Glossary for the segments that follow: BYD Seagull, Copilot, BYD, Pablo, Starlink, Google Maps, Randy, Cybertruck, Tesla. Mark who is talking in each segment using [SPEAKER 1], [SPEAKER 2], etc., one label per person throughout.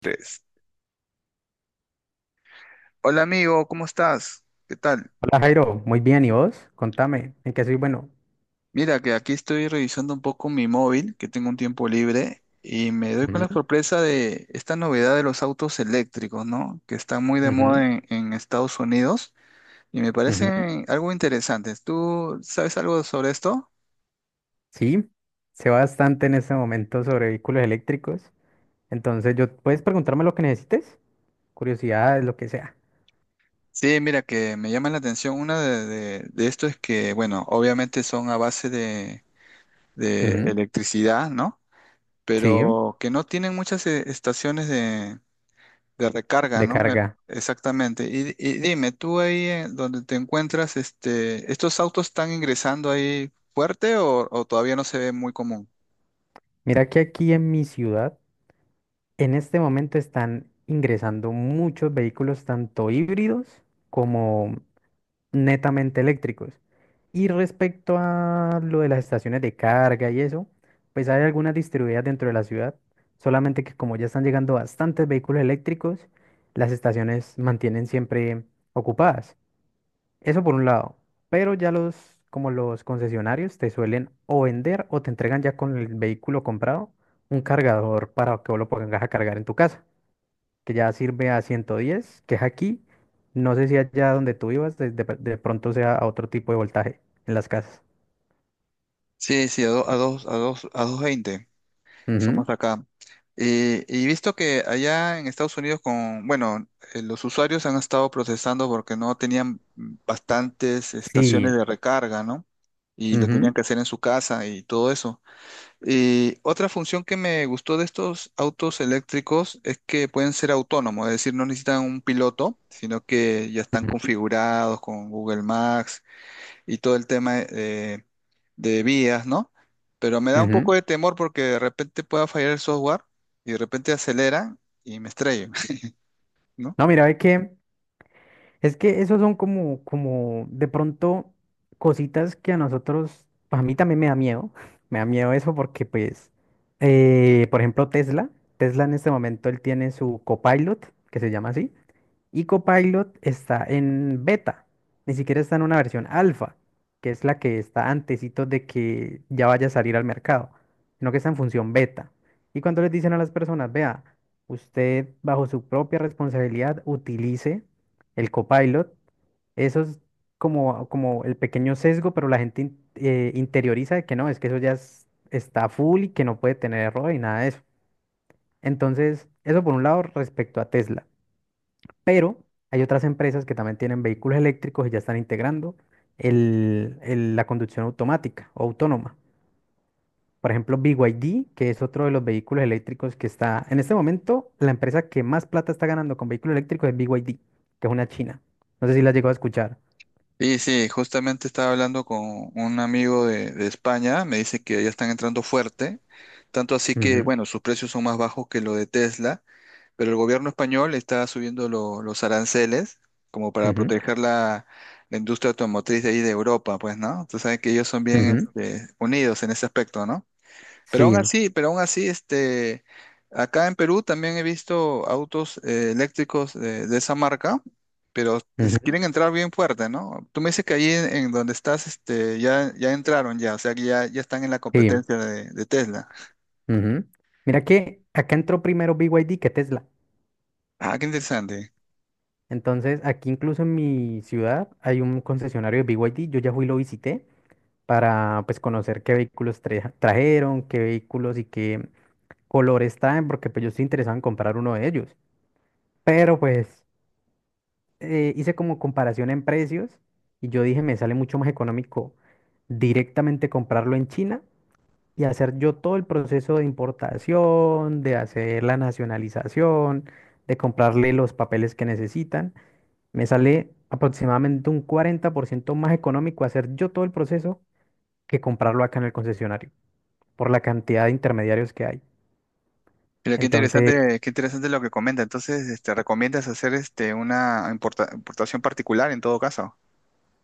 [SPEAKER 1] Tres. Hola amigo, ¿cómo estás? ¿Qué tal?
[SPEAKER 2] Hola Jairo, muy bien, ¿y vos? Contame, ¿en qué soy bueno?
[SPEAKER 1] Mira que aquí estoy revisando un poco mi móvil, que tengo un tiempo libre, y me doy con
[SPEAKER 2] Ujú,
[SPEAKER 1] la sorpresa de esta novedad de los autos eléctricos, ¿no? Que están muy de moda
[SPEAKER 2] ujú,
[SPEAKER 1] en Estados Unidos y me
[SPEAKER 2] ujú.
[SPEAKER 1] parecen algo interesantes. ¿Tú sabes algo sobre esto?
[SPEAKER 2] Sí, sé bastante en este momento sobre vehículos eléctricos, entonces yo puedes preguntarme lo que necesites, curiosidades, lo que sea.
[SPEAKER 1] Sí, mira que me llama la atención. Una de esto es que, bueno, obviamente son a base de
[SPEAKER 2] Ujú,
[SPEAKER 1] electricidad, ¿no?
[SPEAKER 2] sí,
[SPEAKER 1] Pero que no tienen muchas estaciones de recarga,
[SPEAKER 2] de
[SPEAKER 1] ¿no?
[SPEAKER 2] carga.
[SPEAKER 1] Exactamente. Y dime, tú ahí en donde te encuentras, este, ¿estos autos están ingresando ahí fuerte o todavía no se ve muy común?
[SPEAKER 2] Mira que aquí en mi ciudad, en este momento están ingresando muchos vehículos, tanto híbridos como netamente eléctricos. Y respecto a lo de las estaciones de carga y eso, pues hay algunas distribuidas dentro de la ciudad, solamente que como ya están llegando bastantes vehículos eléctricos, las estaciones mantienen siempre ocupadas. Eso por un lado, pero ya los, como los concesionarios te suelen o vender o te entregan ya con el vehículo comprado un cargador para que vos lo pongas a cargar en tu casa que ya sirve a 110 que es aquí. No sé si allá donde tú ibas, de pronto sea a otro tipo de voltaje en las casas.
[SPEAKER 1] Sí, sí, a dos, a dos veinte.
[SPEAKER 2] Ujú,
[SPEAKER 1] Somos acá. Y visto que allá en Estados Unidos con, bueno, los usuarios han estado protestando porque no tenían bastantes estaciones
[SPEAKER 2] sí.
[SPEAKER 1] de recarga, ¿no? Y lo
[SPEAKER 2] Ujú,
[SPEAKER 1] tenían que hacer en su casa y todo eso. Y otra función que me gustó de estos autos eléctricos es que pueden ser autónomos, es decir, no necesitan un piloto, sino que ya están
[SPEAKER 2] ujú,
[SPEAKER 1] configurados con Google Maps y todo el tema de vías, ¿no? Pero me da un
[SPEAKER 2] ujú.
[SPEAKER 1] poco de temor porque de repente pueda fallar el software y de repente acelera y me estrello, ¿no?
[SPEAKER 2] No, mira, ve que es que esos son como de pronto cositas que a nosotros, pues a mí también me da miedo. Me da miedo eso porque, pues, por ejemplo, Tesla. Tesla en este momento él tiene su Copilot, que se llama así. Y Copilot está en beta, ni siquiera está en una versión alfa, que es la que está antesito de que ya vaya a salir al mercado, sino que está en función beta. Y cuando les dicen a las personas, vea, usted bajo su propia responsabilidad utilice el Copilot, eso es como el pequeño sesgo, pero la gente interioriza de que no, es que eso ya está full y que no puede tener error y nada de eso. Entonces, eso por un lado respecto a Tesla. Pero hay otras empresas que también tienen vehículos eléctricos y ya están integrando la conducción automática o autónoma. Por ejemplo, BYD, que es otro de los vehículos eléctricos que está, en este momento, la empresa que más plata está ganando con vehículos eléctricos es BYD, que es una china. No sé si la llegó a escuchar.
[SPEAKER 1] Sí, sí, justamente estaba hablando con un amigo de España, me dice que ya están entrando fuerte, tanto así que,
[SPEAKER 2] Ujú,
[SPEAKER 1] bueno, sus precios son más bajos que lo de Tesla, pero el gobierno español está subiendo los aranceles como para
[SPEAKER 2] ujú,
[SPEAKER 1] proteger la, la industria automotriz de ahí de Europa, pues, ¿no? Tú sabes que ellos son bien
[SPEAKER 2] ujú.
[SPEAKER 1] este, unidos en ese aspecto, ¿no?
[SPEAKER 2] Sí,
[SPEAKER 1] Pero aún así, este, acá en Perú también he visto autos eléctricos de esa marca, pero
[SPEAKER 2] ujú,
[SPEAKER 1] quieren entrar bien fuerte, ¿no? Tú me dices que ahí en donde estás, este, ya, ya entraron ya, o sea que ya, ya están en la
[SPEAKER 2] sí,
[SPEAKER 1] competencia de Tesla.
[SPEAKER 2] ujú. Mira que acá entró primero BYD que Tesla.
[SPEAKER 1] Ah, qué interesante.
[SPEAKER 2] Entonces, aquí incluso en mi ciudad hay un concesionario de BYD. Yo ya fui y lo visité, para pues conocer qué vehículos trajeron, qué vehículos y qué colores traen, porque pues yo estoy interesado en comprar uno de ellos. Pero pues hice como comparación en precios y yo dije, me sale mucho más económico directamente comprarlo en China y hacer yo todo el proceso de importación, de hacer la nacionalización, de comprarle los papeles que necesitan. Me sale aproximadamente un 40% más económico hacer yo todo el proceso que comprarlo acá en el concesionario, por la cantidad de intermediarios que hay.
[SPEAKER 1] Mira,
[SPEAKER 2] Entonces,
[SPEAKER 1] qué interesante lo que comenta. Entonces, este, recomiendas hacer este una importación particular en todo caso.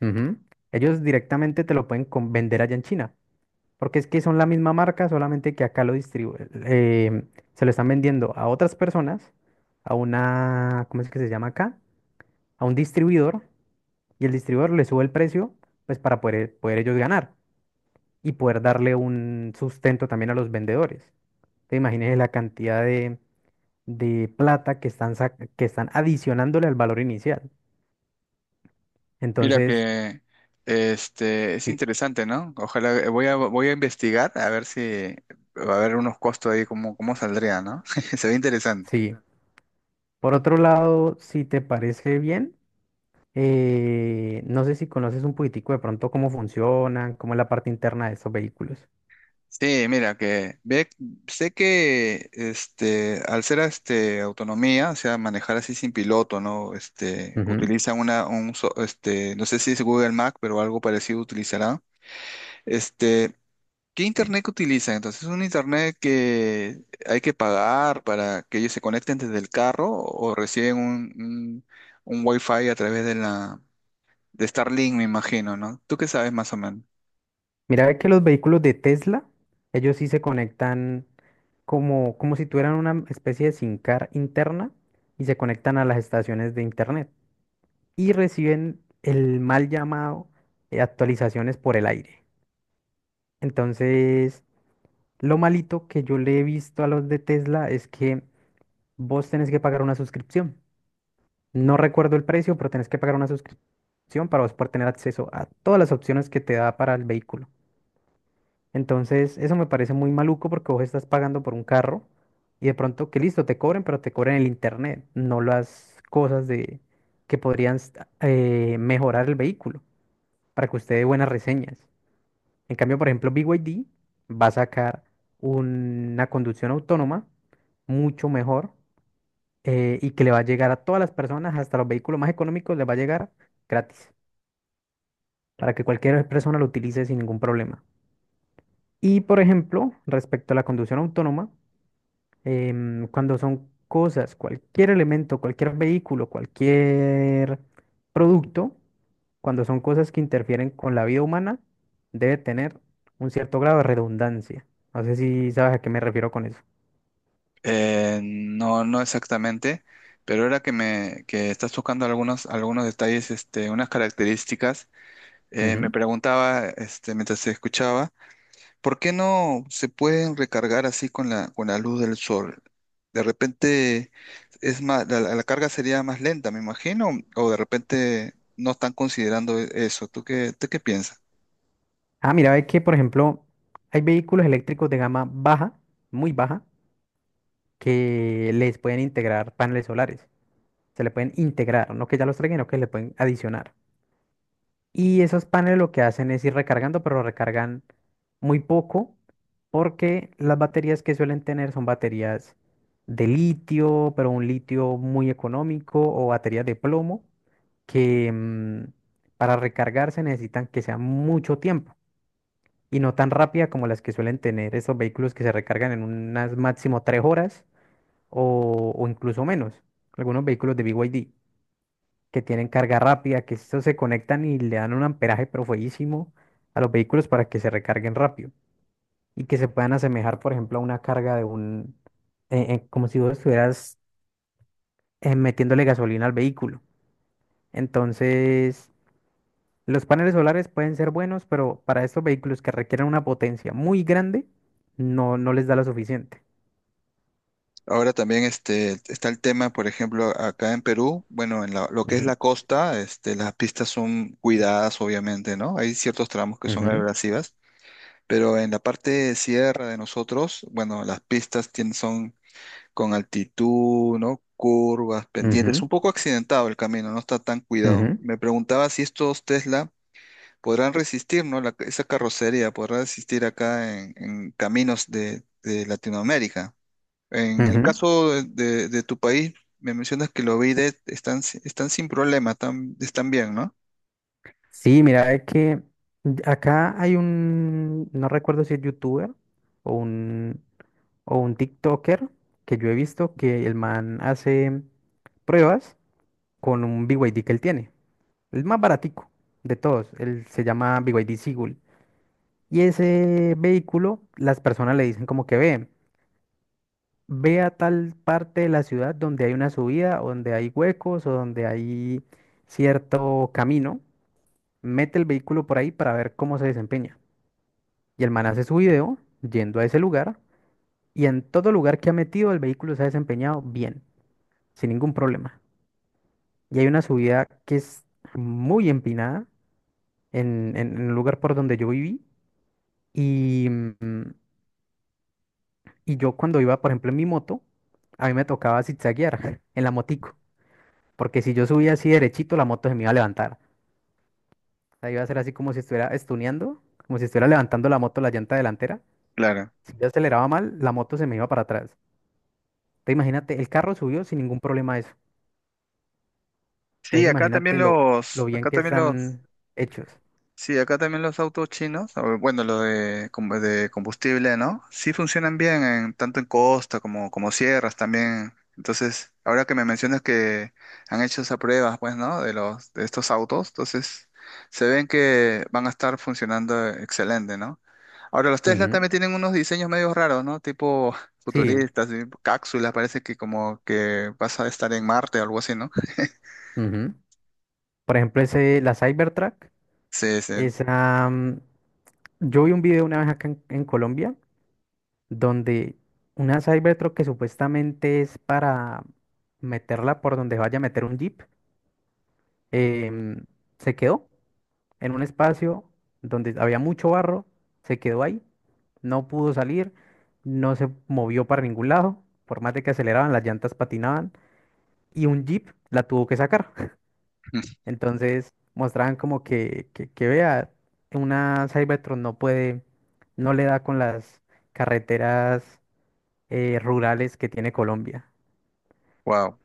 [SPEAKER 2] ujú, ellos directamente te lo pueden vender allá en China, porque es que son la misma marca, solamente que acá lo eh, se lo están vendiendo a otras personas, a una, ¿cómo es que se llama acá? A un distribuidor, y el distribuidor le sube el precio, pues para poder ellos ganar y poder darle un sustento también a los vendedores. Te imaginas la cantidad de plata que están, que están adicionándole al valor inicial.
[SPEAKER 1] Mira
[SPEAKER 2] Entonces,
[SPEAKER 1] que este es
[SPEAKER 2] sí.
[SPEAKER 1] interesante, ¿no? Ojalá voy a voy a investigar a ver si va a haber unos costos ahí cómo cómo saldría, ¿no? Se ve interesante.
[SPEAKER 2] Sí. Por otro lado, si te parece bien, no sé si conoces un poquitico de pronto cómo funcionan, cómo es la parte interna de estos vehículos.
[SPEAKER 1] Sí, mira que ve, sé que este al ser este autonomía, o sea, manejar así sin piloto, ¿no? Este
[SPEAKER 2] Ujú.
[SPEAKER 1] utilizan una un este no sé si es Google Mac, pero algo parecido utilizará. Este, ¿qué internet que utilizan? Entonces, ¿es un internet que hay que pagar para que ellos se conecten desde el carro o reciben un Wi-Fi a través de la de Starlink, me imagino, ¿no? ¿Tú qué sabes más o menos?
[SPEAKER 2] Mira ve que los vehículos de Tesla, ellos sí se conectan como, como si tuvieran una especie de SIM card interna y se conectan a las estaciones de internet y reciben el mal llamado actualizaciones por el aire. Entonces, lo malito que yo le he visto a los de Tesla es que vos tenés que pagar una suscripción. No recuerdo el precio, pero tenés que pagar una suscripción para vos poder tener acceso a todas las opciones que te da para el vehículo. Entonces, eso me parece muy maluco porque vos estás pagando por un carro y de pronto que listo, te cobren, pero te cobren el internet, no las cosas de que podrían mejorar el vehículo para que usted dé buenas reseñas. En cambio, por ejemplo, BYD va a sacar una conducción autónoma mucho mejor, y que le va a llegar a todas las personas, hasta los vehículos más económicos, les va a llegar gratis, para que cualquier persona lo utilice sin ningún problema. Y por ejemplo, respecto a la conducción autónoma, cuando son cosas, cualquier elemento, cualquier vehículo, cualquier producto, cuando son cosas que interfieren con la vida humana, debe tener un cierto grado de redundancia. No sé si sabes a qué me refiero con eso.
[SPEAKER 1] No, no exactamente, pero ahora que me que estás tocando algunos algunos detalles, este, unas características, me
[SPEAKER 2] Ujú.
[SPEAKER 1] preguntaba, este, mientras te escuchaba. ¿Por qué no se pueden recargar así con la luz del sol? De repente es más, la carga sería más lenta, me imagino, o de repente no están considerando eso. Tú qué piensas?
[SPEAKER 2] Ah, mira, ve que, por ejemplo, hay vehículos eléctricos de gama baja, muy baja, que les pueden integrar paneles solares. Se le pueden integrar, no que ya los traigan, no que le pueden adicionar. Y esos paneles lo que hacen es ir recargando, pero recargan muy poco porque las baterías que suelen tener son baterías de litio, pero un litio muy económico o baterías de plomo que, para recargarse necesitan que sea mucho tiempo y no tan rápida como las que suelen tener esos vehículos que se recargan en unas máximo 3 horas o incluso menos. Algunos vehículos de BYD que tienen carga rápida, que estos se conectan y le dan un amperaje pero fueguísimo a los vehículos para que se recarguen rápido y que se puedan asemejar, por ejemplo, a una carga de como si vos estuvieras metiéndole gasolina al vehículo. Entonces, los paneles solares pueden ser buenos, pero para estos vehículos que requieren una potencia muy grande, no, no les da lo suficiente.
[SPEAKER 1] Ahora también este, está el tema, por ejemplo, acá en Perú, bueno, en lo que es la
[SPEAKER 2] Ujú,
[SPEAKER 1] costa, este, las pistas son cuidadas, obviamente, ¿no? Hay ciertos tramos que son
[SPEAKER 2] ujú,
[SPEAKER 1] abrasivas, pero en la parte de sierra de nosotros, bueno, las pistas tienen, con altitud, ¿no? Curvas, pendientes,
[SPEAKER 2] ujú,
[SPEAKER 1] un poco accidentado el camino, no está tan cuidado.
[SPEAKER 2] ujú,
[SPEAKER 1] Me preguntaba si estos Tesla podrán resistir, ¿no? Esa carrocería podrá resistir acá en caminos de Latinoamérica. En el
[SPEAKER 2] ujú.
[SPEAKER 1] caso de, de tu país, me mencionas que los BYD están, están sin problema, están, están bien, ¿no?
[SPEAKER 2] Sí, mira, es que acá hay un, no recuerdo si es youtuber o un, o un TikToker que yo he visto que el man hace pruebas con un BYD que él tiene, el más baratico de todos, él se llama BYD Seagull. Y ese vehículo, las personas le dicen como que ve, ve a tal parte de la ciudad donde hay una subida, o donde hay huecos o donde hay cierto camino, mete el vehículo por ahí para ver cómo se desempeña. Y el man hace su video yendo a ese lugar y en todo lugar que ha metido el vehículo se ha desempeñado bien, sin ningún problema. Y hay una subida que es muy empinada en el lugar por donde yo viví y, yo cuando iba, por ejemplo, en mi moto, a mí me tocaba zigzaguear en la motico, porque si yo subía así derechito, la moto se me iba a levantar. O sea, iba a ser así como si estuviera estuneando, como si estuviera levantando la moto la llanta delantera.
[SPEAKER 1] Claro.
[SPEAKER 2] Si yo aceleraba mal, la moto se me iba para atrás. Te imagínate, el carro subió sin ningún problema eso.
[SPEAKER 1] Sí,
[SPEAKER 2] Entonces
[SPEAKER 1] acá también
[SPEAKER 2] imagínate lo
[SPEAKER 1] los,
[SPEAKER 2] bien
[SPEAKER 1] acá
[SPEAKER 2] que
[SPEAKER 1] también los
[SPEAKER 2] están hechos.
[SPEAKER 1] Sí, acá también los autos chinos, o bueno, los de, de combustible, ¿no? Sí funcionan bien, en, tanto en costa como, como sierras también. Entonces, ahora que me mencionas que han hecho esas pruebas, pues, ¿no? De los, de estos autos, entonces se ven que van a estar funcionando excelente, ¿no? Ahora, los Tesla
[SPEAKER 2] Ujú,
[SPEAKER 1] también tienen unos diseños medio raros, ¿no? Tipo
[SPEAKER 2] sí,
[SPEAKER 1] futuristas, y cápsulas, parece que como que vas a estar en Marte o algo así, ¿no?
[SPEAKER 2] ujú. Por ejemplo, ese, la Cybertruck,
[SPEAKER 1] Sí, sí.
[SPEAKER 2] esa, yo vi un video una vez acá en Colombia donde una Cybertruck que supuestamente es para meterla por donde vaya a meter un Jeep, em, se quedó en un espacio donde había mucho barro, se quedó ahí, no pudo salir, no se movió para ningún lado, por más de que aceleraban, las llantas patinaban, y un Jeep la tuvo que sacar. Entonces mostraban como que vea, una Cybertron no puede, no le da con las carreteras rurales que tiene Colombia.
[SPEAKER 1] Wow.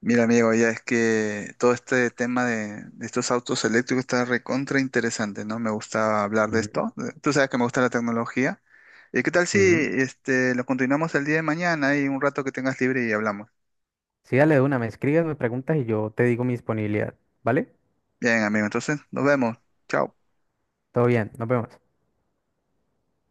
[SPEAKER 1] Mira, amigo, ya es que todo este tema de estos autos eléctricos está recontra interesante, ¿no? Me gusta hablar de
[SPEAKER 2] Ujú,
[SPEAKER 1] esto. Tú sabes que me gusta la tecnología. ¿Y qué tal si
[SPEAKER 2] ujú.
[SPEAKER 1] este, lo continuamos el día de mañana y un rato que tengas libre y hablamos?
[SPEAKER 2] Sí, dale de una, me escribes, me preguntas y yo te digo mi disponibilidad, ¿vale?
[SPEAKER 1] Bien, amigo, entonces nos vemos. Chao.
[SPEAKER 2] Todo bien, nos vemos.